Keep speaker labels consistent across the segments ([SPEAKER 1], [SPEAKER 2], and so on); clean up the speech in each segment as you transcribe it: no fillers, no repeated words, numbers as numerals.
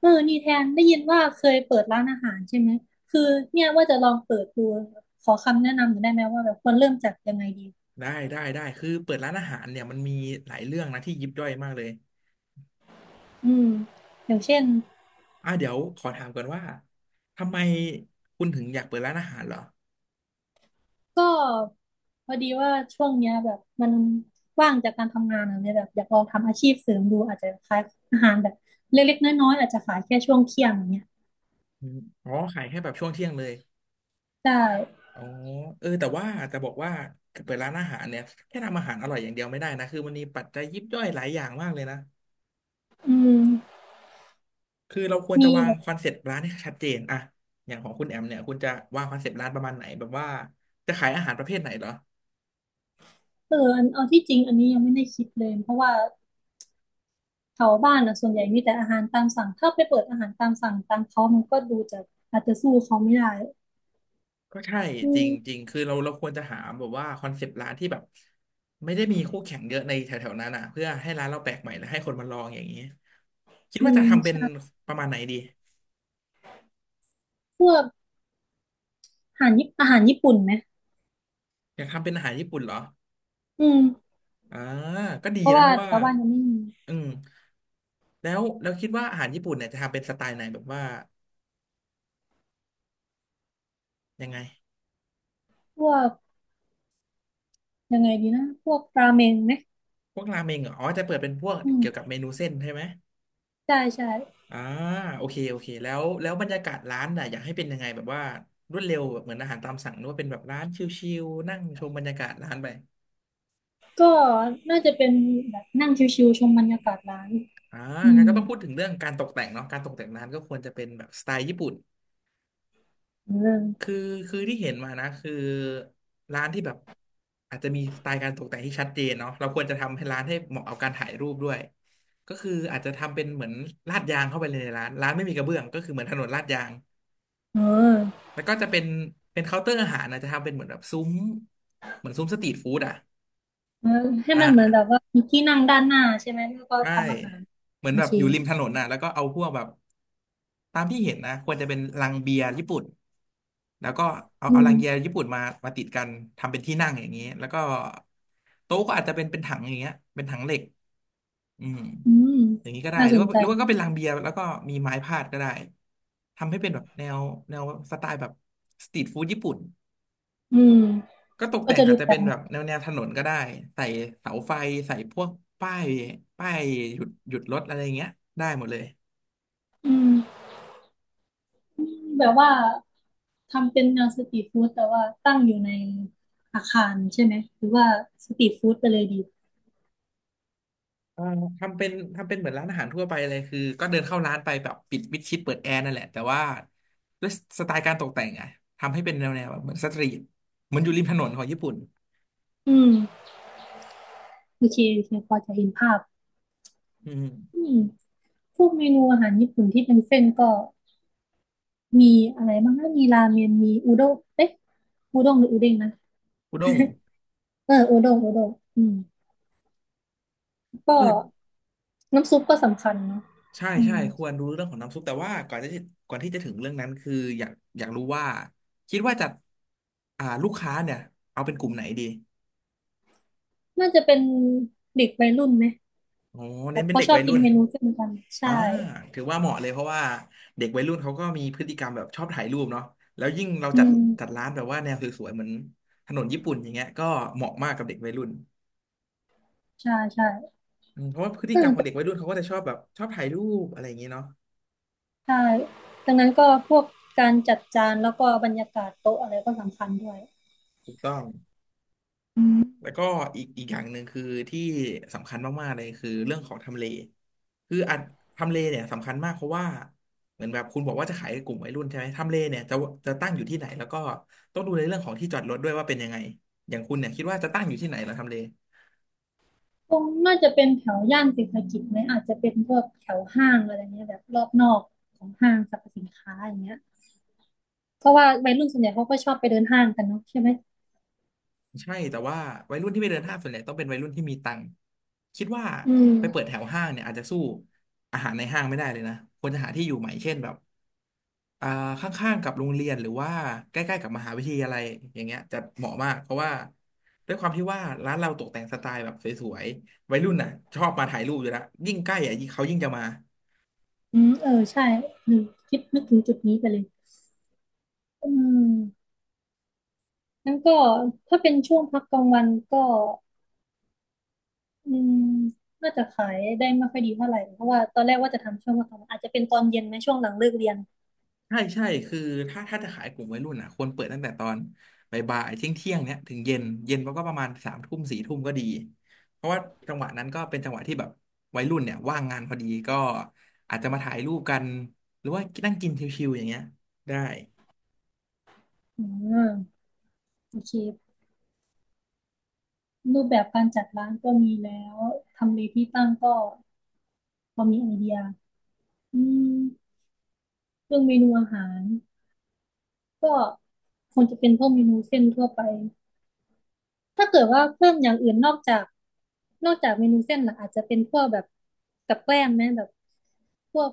[SPEAKER 1] เออนี่แทนได้ยินว่าเคยเปิดร้านอาหารใช่ไหมคือเนี่ยว่าจะลองเปิดดูขอคำแนะนำหน่อยได้ไหมว่าแบบควรเริ่มจากยังไงดี
[SPEAKER 2] ได้ได้ได้คือเปิดร้านอาหารเนี่ยมันมีหลายเรื่องนะที่ยิบย่อยมากเลย
[SPEAKER 1] อืมอย่างเช่น
[SPEAKER 2] เดี๋ยวขอถามก่อนว่าทำไมคุณถึงอยากเปิดร้านอาหารเหรอ
[SPEAKER 1] ก็พอดีว่าช่วงเนี้ยแบบมันว่างจากการทำงานอะเนี่ยแบบอยากลองทำอาชีพเสริมดูอาจจะขายอาหารแบบเล็กๆน้อยๆอาจจะขายแค่ช่วงเที่ยงอย่างเงี้ย
[SPEAKER 2] อืมอ๋อขายแค่แบบช่วงเที่ยงเลย
[SPEAKER 1] ได้
[SPEAKER 2] อ๋อเออแต่ว่าจะบอกว่าเปิดร้านอาหารเนี่ยแค่ทำอาหารอร่อยอย่างเดียวไม่ได้นะคือมันมีปัจจัยยิบย่อยหลายอย่างมากเลยนะ
[SPEAKER 1] อืม
[SPEAKER 2] คือเราควร
[SPEAKER 1] มี
[SPEAKER 2] จะวาง
[SPEAKER 1] แบบ
[SPEAKER 2] คอนเซ็ปต์ร้านให้ชัดเจนอะอย่างของคุณแอมเนี่ยคุณจะวางคอนเซ็ปต์ร้านประมาณไหนแบบว่าจะขายอาหารประเภทไหนเหรอ
[SPEAKER 1] เอออันเอาที่จริงอันนี้ยังไม่ได้คิดเลยเพราะว่า แถวบ้านอ่ะส่วนใหญ่มีแต่อาหารตามสั่งถ้าไปเปิดอาหารตามสั่งตามเขามันก็ดูจะอาจจะสู้เขาไม่ได้
[SPEAKER 2] ก็ใช่
[SPEAKER 1] อื
[SPEAKER 2] จริ
[SPEAKER 1] ม
[SPEAKER 2] งจริงคือเราควรจะหาแบบว่าคอนเซปต์ร้านที่แบบไม่ได้มีคู่แข่งเยอะในแถวๆนั้นอ่ะเพื่อให้ร้านเราแปลกใหม่และให้คนมาลองอย่างนี้คิด
[SPEAKER 1] อื
[SPEAKER 2] ว่า
[SPEAKER 1] ม
[SPEAKER 2] จะทำเป็น
[SPEAKER 1] ใช่
[SPEAKER 2] ประมาณไหนดี
[SPEAKER 1] พวกอาหารญี่ปุ่นไหม
[SPEAKER 2] อยากทำเป็นอาหารญี่ปุ่นเหรอ
[SPEAKER 1] อืม
[SPEAKER 2] อ่าก็ดี
[SPEAKER 1] เพราะ
[SPEAKER 2] นะ
[SPEAKER 1] ว่า
[SPEAKER 2] เพราะ
[SPEAKER 1] แถ
[SPEAKER 2] ว่า
[SPEAKER 1] วบ้านยังไม่มี
[SPEAKER 2] อืมแล้วเราคิดว่าอาหารญี่ปุ่นเนี่ยจะทำเป็นสไตล์ไหนแบบว่ายังไง
[SPEAKER 1] พวกยังไงดีนะพวกราเมงไหม
[SPEAKER 2] พวกราเมงเหรออ๋อจะเปิดเป็นพวก
[SPEAKER 1] อืม
[SPEAKER 2] เกี่ยวกับเมนูเส้นใช่ไหม
[SPEAKER 1] ใช่ใช่
[SPEAKER 2] อ่าโอเคโอเคแล้วบรรยากาศร้านน่ะอยากให้เป็นยังไงแบบว่ารวดเร็วแบบเหมือนอาหารตามสั่งหรือว่าเป็นแบบร้านชิลๆนั่งชมบรรยากาศร้านไป
[SPEAKER 1] ก็น่าจะเป็นแบบนั่งชิวๆชมบรรยากาศร้าน
[SPEAKER 2] อ่า
[SPEAKER 1] อื
[SPEAKER 2] งั้นก็
[SPEAKER 1] ม
[SPEAKER 2] ต้องพูดถึงเรื่องการตกแต่งเนาะการตกแต่งร้านก็ควรจะเป็นแบบสไตล์ญี่ปุ่น
[SPEAKER 1] เรื่อง
[SPEAKER 2] คือคือที่เห็นมานะคือร้านที่แบบอาจจะมีสไตล์การตกแต่งที่ชัดเจนเนาะเราควรจะทำให้ร้านให้เหมาะกับการถ่ายรูปด้วยก็คืออาจจะทำเป็นเหมือนลาดยางเข้าไปเลยในร้านร้านไม่มีกระเบื้องก็คือเหมือนถนนลาดยาง
[SPEAKER 1] เออ
[SPEAKER 2] แล้วก็จะเป็นเคาน์เตอร์อาหารนะจะทำเป็นเหมือนแบบซุ้มเหมือนซุ้มสตรีทฟู้ดอ่ะ
[SPEAKER 1] เออให้
[SPEAKER 2] อ่า
[SPEAKER 1] มันเหมือนแบบว่ามีที่นั่งด้านหน้าใช่ไหมแล้วก็
[SPEAKER 2] ใช่
[SPEAKER 1] ทำอาหาร
[SPEAKER 2] เหมือน
[SPEAKER 1] โอ
[SPEAKER 2] แบบ
[SPEAKER 1] เค
[SPEAKER 2] อยู่ริมถนนน่ะแล้วก็เอาพวกแบบตามที่เห็นนะควรจะเป็นลังเบียร์ญี่ปุ่นแล้วก็เอา
[SPEAKER 1] อื
[SPEAKER 2] เอาลังเบียร์
[SPEAKER 1] ม
[SPEAKER 2] ญี่ปุ่นมามาติดกันทำเป็นที่นั่งอย่างนี้แล้วก็โต๊ะก็อาจจะเป็นถังอย่างเงี้ยเป็นถังเหล็กอืม
[SPEAKER 1] อืม
[SPEAKER 2] อย่างนี้ก็ได้
[SPEAKER 1] น่า
[SPEAKER 2] หรื
[SPEAKER 1] ส
[SPEAKER 2] อ
[SPEAKER 1] น
[SPEAKER 2] ว่า
[SPEAKER 1] ใจ
[SPEAKER 2] ก็เป็นลังเบียร์แล้วก็มีไม้พาดก็ได้ทำให้เป็นแบบแนวสไตล์แบบสตรีทฟู้ดญี่ปุ่น
[SPEAKER 1] อืม
[SPEAKER 2] ก็ตก
[SPEAKER 1] ก็
[SPEAKER 2] แต่ง
[SPEAKER 1] จะดู
[SPEAKER 2] อาจจะ
[SPEAKER 1] แปล
[SPEAKER 2] เป็
[SPEAKER 1] ก
[SPEAKER 2] น
[SPEAKER 1] ให
[SPEAKER 2] แบบ
[SPEAKER 1] ม่
[SPEAKER 2] แนวถนนก็ได้ใส่เสาไฟใส่พวกป้ายป้ายหยุดรถอะไรเงี้ยได้หมดเลย
[SPEAKER 1] อืมแบบว่าทำเป็นแนวสตรีทฟู้ดแต่ว่าตั้งอยู่ในอาคารใช่ไหมหรือว่าสตรีทฟู้ดไปเลยดี
[SPEAKER 2] เอ่อทำเป็นทำเป็นเหมือนร้านอาหารทั่วไปเลยคือก็เดินเข้าร้านไปแบบปิดมิดชิดเปิดแอร์นั่นแหละแต่ว่าด้วยสไตล์การตกแต่งอะทำให้เป็นแนวแบบเหมือนสตรีทเหมือนอยู่ริมถนนของญี่ปุ่น
[SPEAKER 1] อืมโอเคโอเคพอจะเห็นภาพ
[SPEAKER 2] อืม
[SPEAKER 1] อืมพวกเมนูอาหารญี่ปุ่นที่เป็นเส้นก็มีอะไรบ้างนะมีราเมนมีอุด้งเอ๊ะอุด้งหรืออุเด้งนะ
[SPEAKER 2] อุด้ง
[SPEAKER 1] เอออุด้งอุด้งอืมก็
[SPEAKER 2] เออ
[SPEAKER 1] น้ำซุปก็สำคัญเนาะ
[SPEAKER 2] ใช่
[SPEAKER 1] อื
[SPEAKER 2] ใช่
[SPEAKER 1] ม
[SPEAKER 2] ควรรู้เรื่องของน้ำซุปแต่ว่าก่อนที่จะถึงเรื่องนั้นคืออยากอยากรู้ว่าคิดว่าจะอ่าลูกค้าเนี่ยเอาเป็นกลุ่มไหนดี
[SPEAKER 1] น่าจะเป็นเด็กวัยรุ่นไหม
[SPEAKER 2] โอ้
[SPEAKER 1] แบ
[SPEAKER 2] เน้น
[SPEAKER 1] บ
[SPEAKER 2] เป็น
[SPEAKER 1] เขา
[SPEAKER 2] เด็ก
[SPEAKER 1] ชอ
[SPEAKER 2] วั
[SPEAKER 1] บ
[SPEAKER 2] ย
[SPEAKER 1] กิ
[SPEAKER 2] รุ่
[SPEAKER 1] น
[SPEAKER 2] น
[SPEAKER 1] เมนูเส้นกัน
[SPEAKER 2] อ่า
[SPEAKER 1] ใช่
[SPEAKER 2] ถือว่าเหมาะเลยเพราะว่าเด็กวัยรุ่นเขาก็มีพฤติกรรมแบบชอบถ่ายรูปเนาะแล้วยิ่งเรา
[SPEAKER 1] อื
[SPEAKER 2] จัด
[SPEAKER 1] ม
[SPEAKER 2] ร้านแบบว่าแนวสวยๆเหมือนถนนญี่ปุ่นอย่างเงี้ยก็เหมาะมากกับเด็กวัยรุ่น
[SPEAKER 1] ใช่ใช่
[SPEAKER 2] อืมเพราะว่าพฤติกรรมของ
[SPEAKER 1] เอ
[SPEAKER 2] เด็กวั
[SPEAKER 1] อ
[SPEAKER 2] ยรุ่นเขาก็จะชอบแบบชอบถ่ายรูปอะไรอย่างเงี้ยเนาะ
[SPEAKER 1] ใช่ดังนั้นก็พวกการจัดจานแล้วก็บรรยากาศโต๊ะอะไรก็สำคัญด้วย
[SPEAKER 2] ถูกต้อง
[SPEAKER 1] อื
[SPEAKER 2] แล้ว
[SPEAKER 1] ม
[SPEAKER 2] ก็อีกอย่างหนึ่งคือที่สำคัญมากๆเลยคือเรื่องของทำเลคืออันทำเลเนี่ยสำคัญมากเพราะว่าเหมือนแบบคุณบอกว่าจะขายกลุ่มวัยรุ่นใช่ไหมทำเลเนี่ยจะตั้งอยู่ที่ไหนแล้วก็ต้องดูในเรื่องของที่จอดรถด้วยว่าเป็นยังไงอย่างคุณเนี่ยคิดว่าจะตั้งอยู่ที่ไหนเหรอทำเล
[SPEAKER 1] คงน่าจะเป็นแถวย่านเศรษฐกิจไหมอาจจะเป็นพวกแถวห้างอะไรเงี้ยแบบรอบนอกของห้างสรรพสินค้าอย่างเงี้ยเพราะว่าวัยรุ่นส่วนใหญ่เขาก็ชอบไปเดินห้างกันเนาะใช่ไหม
[SPEAKER 2] ใช่แต่ว่าวัยรุ่นที่ไปเดินห้างส่วนใหญ่ต้องเป็นวัยรุ่นที่มีตังค์คิดว่า
[SPEAKER 1] อืม
[SPEAKER 2] ไปเปิดแถวห้างเนี่ยอาจจะสู้อาหารในห้างไม่ได้เลยนะควรจะหาที่อยู่ใหม่เช่นแบบ อ่าข้างๆกับโรงเรียนหรือว่าใกล้ๆกับมหาวิทยาลัยอย่างเงี้ยจะเหมาะมากเพราะว่าด้วยความที่ว่าร้านเราตกแต่งสไตล์แบบสวยๆวัยรุ่นน่ะชอบมาถ่ายรูปอยู่แล้วยิ่งใกล้อ่ะยิ่งเขายิ่งจะมา
[SPEAKER 1] อืมเออใช่อืมคิดนึกถึงจุดนี้ไปเลยอืมงั้นก็ถ้าเป็นช่วงพักกลางวันก็ อืมน่าจะขายได้ไม่ค่อยดีเท่าไหร่เพราะว่าตอนแรกว่าจะทำช่วงวันธรรมดาอาจจะเป็นตอนเย็นไหมช่วงหลังเลิกเรียน
[SPEAKER 2] ใช่ใช่คือถ้าจะขายกลุ่มวัยรุ่นอ่ะควรเปิดตั้งแต่ตอนบ่ายๆเที่ยงเที่ยงเนี้ยถึงเย็นเย็นมันก็ประมาณสามทุ่มสี่ทุ่มก็ดีเพราะว่าจังหวะนั้นก็เป็นจังหวะที่แบบวัยรุ่นเนี่ยว่างงานพอดีก็อาจจะมาถ่ายรูปกันหรือว่านั่งกินชิวๆอย่างเงี้ยได้
[SPEAKER 1] อืมโอเครูปแบบการจัดร้านก็มีแล้วทำเลที่ตั้งก็พอมีไอเดียอืมเรื่องเมนูอาหารก็คงจะเป็นพวกเมนูเส้นทั่วไปถ้าเกิดว่าเพิ่มอย่างอื่นนอกจากเมนูเส้นล่ะอาจจะเป็นพวกแบบกับแกล้มไหมแบบพวก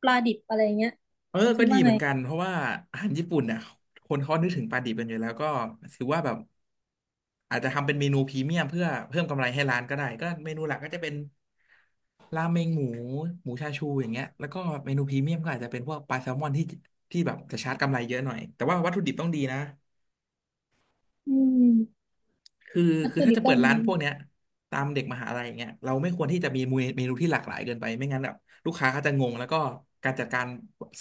[SPEAKER 1] ปลาดิบอะไรเงี้ย
[SPEAKER 2] เออ
[SPEAKER 1] คิ
[SPEAKER 2] ก็
[SPEAKER 1] ด
[SPEAKER 2] ดี
[SPEAKER 1] ว่า
[SPEAKER 2] เห
[SPEAKER 1] ไง
[SPEAKER 2] มือนกันเพราะว่าอาหารญี่ปุ่นเนี่ยคนเขานึกถึงปลาดิบกันอยู่แล้วก็ถือว่าแบบอาจจะทำเป็นเมนูพรีเมียมเพื่อเพิ่มกำไรให้ร้านก็ได้ก็เมนูหลักก็จะเป็นราเมงหมูหมูชาชูอย่างเงี้ยแล้วก็เมนูพรีเมียมก็อาจจะเป็นพวกปลาแซลมอนที่ที่แบบจะชาร์จกำไรเยอะหน่อยแต่ว่าวัตถุดิบต้องดีนะ
[SPEAKER 1] อืม
[SPEAKER 2] คือ
[SPEAKER 1] วัต
[SPEAKER 2] คือ
[SPEAKER 1] ถุ
[SPEAKER 2] ถ้า
[SPEAKER 1] ดิบ
[SPEAKER 2] จะ
[SPEAKER 1] ก็
[SPEAKER 2] เปิด
[SPEAKER 1] ม
[SPEAKER 2] ร้าน
[SPEAKER 1] งี
[SPEAKER 2] พวกเนี้ยตามเด็กมหาลัยอย่างเงี้ยเราไม่ควรที่จะมีเมนูที่หลากหลายเกินไปไม่งั้นแบบลูกค้าเขาจะงงแล้วก็การจัดการ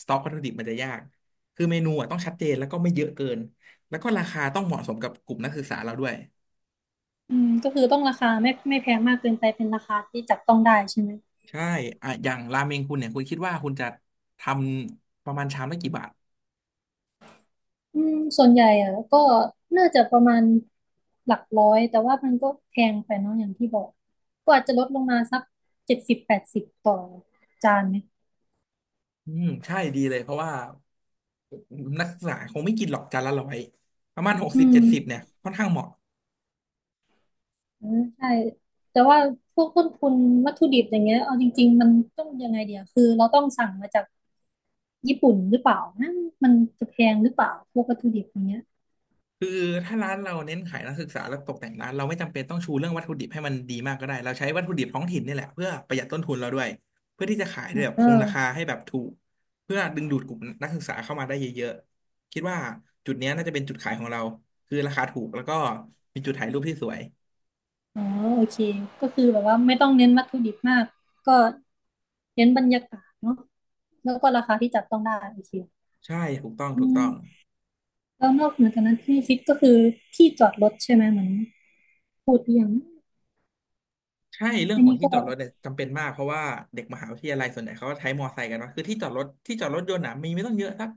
[SPEAKER 2] สต็อกวัตถุดิบมันจะยากคือเมนูอ่ะต้องชัดเจนแล้วก็ไม่เยอะเกินแล้วก็ราคาต้องเหมาะสมกับกลุ่มนักศึกษาเราด้วย
[SPEAKER 1] อืมก็คือต้องราคาไม่แพงมากเกินไปเป็นราคาที่จับต้องได้ใช่ไหม
[SPEAKER 2] ใช่อ่ะอย่างราเมงคุณเนี่ยคุณคิดว่าคุณจะทำประมาณชามละกี่บาท
[SPEAKER 1] อืมส่วนใหญ่อ่ะก็น่าจะประมาณหลักร้อยแต่ว่ามันก็แพงไปเนาะอย่างที่บอก ก็อาจจะลดลงมาสัก70-80ต่อจานไหม
[SPEAKER 2] อืมใช่ดีเลยเพราะว่านักศึกษาคงไม่กินหรอกจานละ100ประมาณหก
[SPEAKER 1] อื
[SPEAKER 2] สิบ
[SPEAKER 1] ม
[SPEAKER 2] เจ็ดสิบเนี่ยค่อนข้างเหมาะ
[SPEAKER 1] อืมใช่แต่ว่าพวกต้นทุนวัตถุดิบอย่างเงี้ยเอาจริงๆมันต้องยังไงเดียวคือเราต้องสั่งมาจากญี่ปุ่นหรือเปล่านะมันจะแพงหรือเปล่าพวกวัตถุดิบอย่างเงี้ย
[SPEAKER 2] คือถ้าร้านเราเน้นขายนักศึกษาและตกแต่งร้านเราไม่จำเป็นต้องชูเรื่องวัตถุดิบให้มันดีมากก็ได้เราใช้วัตถุดิบท้องถิ่นนี่แหละเพื่อประหยัดต้นทุนเราด้วยเพื่อที่จะขายได้แบบ
[SPEAKER 1] เอ
[SPEAKER 2] คงราคา
[SPEAKER 1] อ
[SPEAKER 2] ให้แบบถูกเพื่อดึงดูดกลุ่มนักศึกษาเข้ามาได้เยอะๆคิดว่าจุดเนี้ยน่าจะเป็นจุดขายของเราคือราคาถูกแล้วก็มีจุดถ่ายรูปที่สวย
[SPEAKER 1] อ๋อโอเคก็คือแบบว่าไม่ต้องเน้นวัตถุดิบมากก็เน้นบรรยากาศเนาะแล้วก็ราคาที่จับต้องได้โอเค
[SPEAKER 2] ใช่ถูกต้อง
[SPEAKER 1] อื
[SPEAKER 2] ถูก
[SPEAKER 1] ม
[SPEAKER 2] ต้อง
[SPEAKER 1] แล้วนอกเหนือจากนั้นที่ฟิตก็คือที่จอดรถใช่ไหมเหมือนพูดไปอย่าง
[SPEAKER 2] ใช่เรื่อง
[SPEAKER 1] อัน
[SPEAKER 2] ของ
[SPEAKER 1] นี้
[SPEAKER 2] ที่
[SPEAKER 1] ก็
[SPEAKER 2] จอดรถเนี่ยจำเป็นมากเพราะว่าเด็กมหาวิทยาลัยส่วนใหญ่เขาก็ใช้มอไซค์กันเนอะคือที่จอดรถที่จอดรถยนต์น่ะมีไม่ต้องเยอะสัก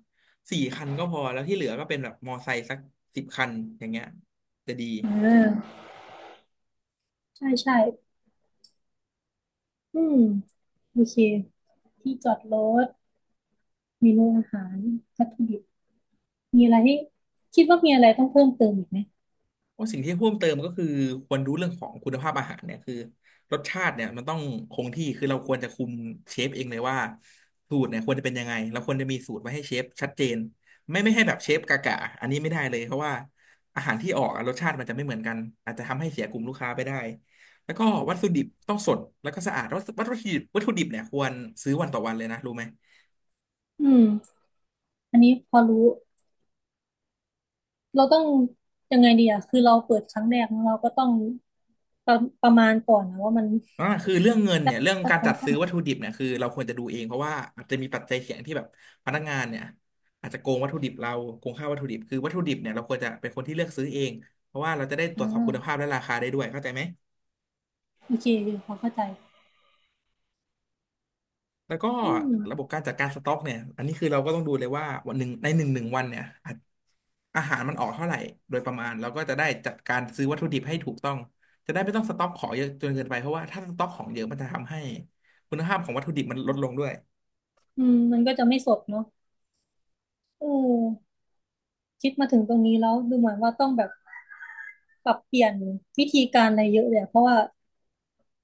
[SPEAKER 2] สี่คันก็พอแล้วที่เหลือก็เป็นแบบมอไซค์สัก10คันอย่างเงี้ยจะดี
[SPEAKER 1] เออใช่ใช่อืมโอเคที่จอดรถเมนูอาหารวัตถุดิบมีอะไรที่คิดว่ามีอะไรต้องเพิ่มเติมอีกไหม
[SPEAKER 2] ว่าสิ่งที่เพิ่มเติมก็คือควรรู้เรื่องของคุณภาพอาหารเนี่ยคือรสชาติเนี่ยมันต้องคงที่คือเราควรจะคุมเชฟเองเลยว่าสูตรเนี่ยควรจะเป็นยังไงเราควรจะมีสูตรไว้ให้เชฟชัดเจนไม่ให้แบบเชฟกากะอันนี้ไม่ได้เลยเพราะว่าอาหารที่ออกอะรสชาติมันจะไม่เหมือนกันอาจจะทำให้เสียกลุ่มลูกค้าไปได้แล้วก็วัตถุดิบต้องสดแล้วก็สะอาดวัตถุดิบเนี่ยควรซื้อวันต่อวันเลยนะรู้ไหม
[SPEAKER 1] อืมอันนี้พอรู้ เราต้องยังไงดีอะคือเราเปิดครั้งแรกเนอะเราก็ต้องประประมาณก่อนนะว่ามัน
[SPEAKER 2] อ่าคือเรื่องเงินเนี่ยเรื่องการจัดซื้อวัตถุดิบเนี่ยคือเราควรจะดูเองเพราะว่าอาจจะมีปัจจัยเสี่ยงที่แบบพนักงานเนี่ยอาจจะโกงวัตถุดิบเราโกงค่าวัตถุดิบคือวัตถุดิบเนี่ยเราควรจะเป็นคนที่เลือกซื้อเองเพราะว่าเราจะได้ตร
[SPEAKER 1] อ่
[SPEAKER 2] วจสอบคุณภาพ
[SPEAKER 1] า
[SPEAKER 2] และราคาได้ด้วยเข้าใจไหม
[SPEAKER 1] โอเคพอเข้าใจ
[SPEAKER 2] แล้วก็
[SPEAKER 1] อืม
[SPEAKER 2] ระบบการจัดการสต็อกเนี่ยอันนี้คือเราก็ต้องดูเลยว่าวันหนึ่งในหนึ่งวันเนี่ยอาหารมันออกเท่าไหร่โดยประมาณเราก็จะได้จัดการซื้อวัตถุดิบให้ถูกต้องจะได้ไม่ต้องสต็อกของเยอะจนเกินไปเพราะว่าถ้าสต็อกของเยอะมันจะทำให้คุณภาพของวัตถุดิบมันลดลงด้วย
[SPEAKER 1] อืมมันก็จะไม่สดเนาะเออคิดมาถึงตรงนี้แล้วดูเหมือนว่าต้องแบบปรับเปลี่ยนวิธีการอะไรเยอะเลยอะเพราะว่า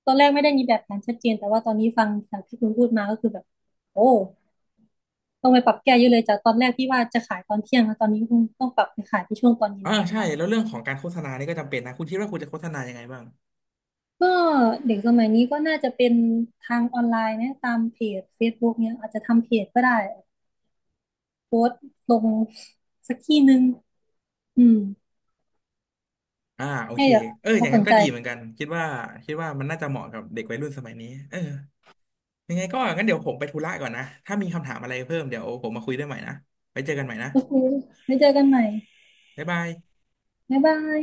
[SPEAKER 1] ตอนแรกไม่ได้มีแบบแผนชัดเจนแต่ว่าตอนนี้ฟังจากที่คุณพูดมาก็คือแบบโอ้ต้องไปปรับแก้เยอะเลยจากตอนแรกที่ว่าจะขายตอนเที่ยงแล้วตอนนี้คงต้องปรับไปขายที่ช่วงตอนเย็น
[SPEAKER 2] อ่า
[SPEAKER 1] แทน
[SPEAKER 2] ใช่
[SPEAKER 1] แล้ว
[SPEAKER 2] แล้วเรื่องของการโฆษณานี่ก็จำเป็นนะคุณคิดว่าคุณจะโฆษณายังไงบ้าง
[SPEAKER 1] ก็เด็กสมัยนี้ก็น่าจะเป็นทางออนไลน์นะตามเพจ Facebook เนี่ยอาจจะทำเพจก็ได้โพสต์ลงสักที่หนึ่งอืม
[SPEAKER 2] อ่าโอ
[SPEAKER 1] ให้
[SPEAKER 2] เค
[SPEAKER 1] เด็ก
[SPEAKER 2] เอออ
[SPEAKER 1] เขา
[SPEAKER 2] ย่าง
[SPEAKER 1] ส
[SPEAKER 2] นั้
[SPEAKER 1] น
[SPEAKER 2] นก็
[SPEAKER 1] ใจ
[SPEAKER 2] ดีเหมือนกันคิดว่ามันน่าจะเหมาะกับเด็กวัยรุ่นสมัยนี้เออยังไงก็งั้นเดี๋ยวผมไปธุระก่อนนะถ้ามีคำถามอะไรเพิ่มเดี๋ยวผมมาคุยด้วยใหม่นะไปเจอกันใหม่นะ
[SPEAKER 1] โอเคไว้เจอกันใหม่
[SPEAKER 2] บ๊ายบาย
[SPEAKER 1] บ๊ายบาย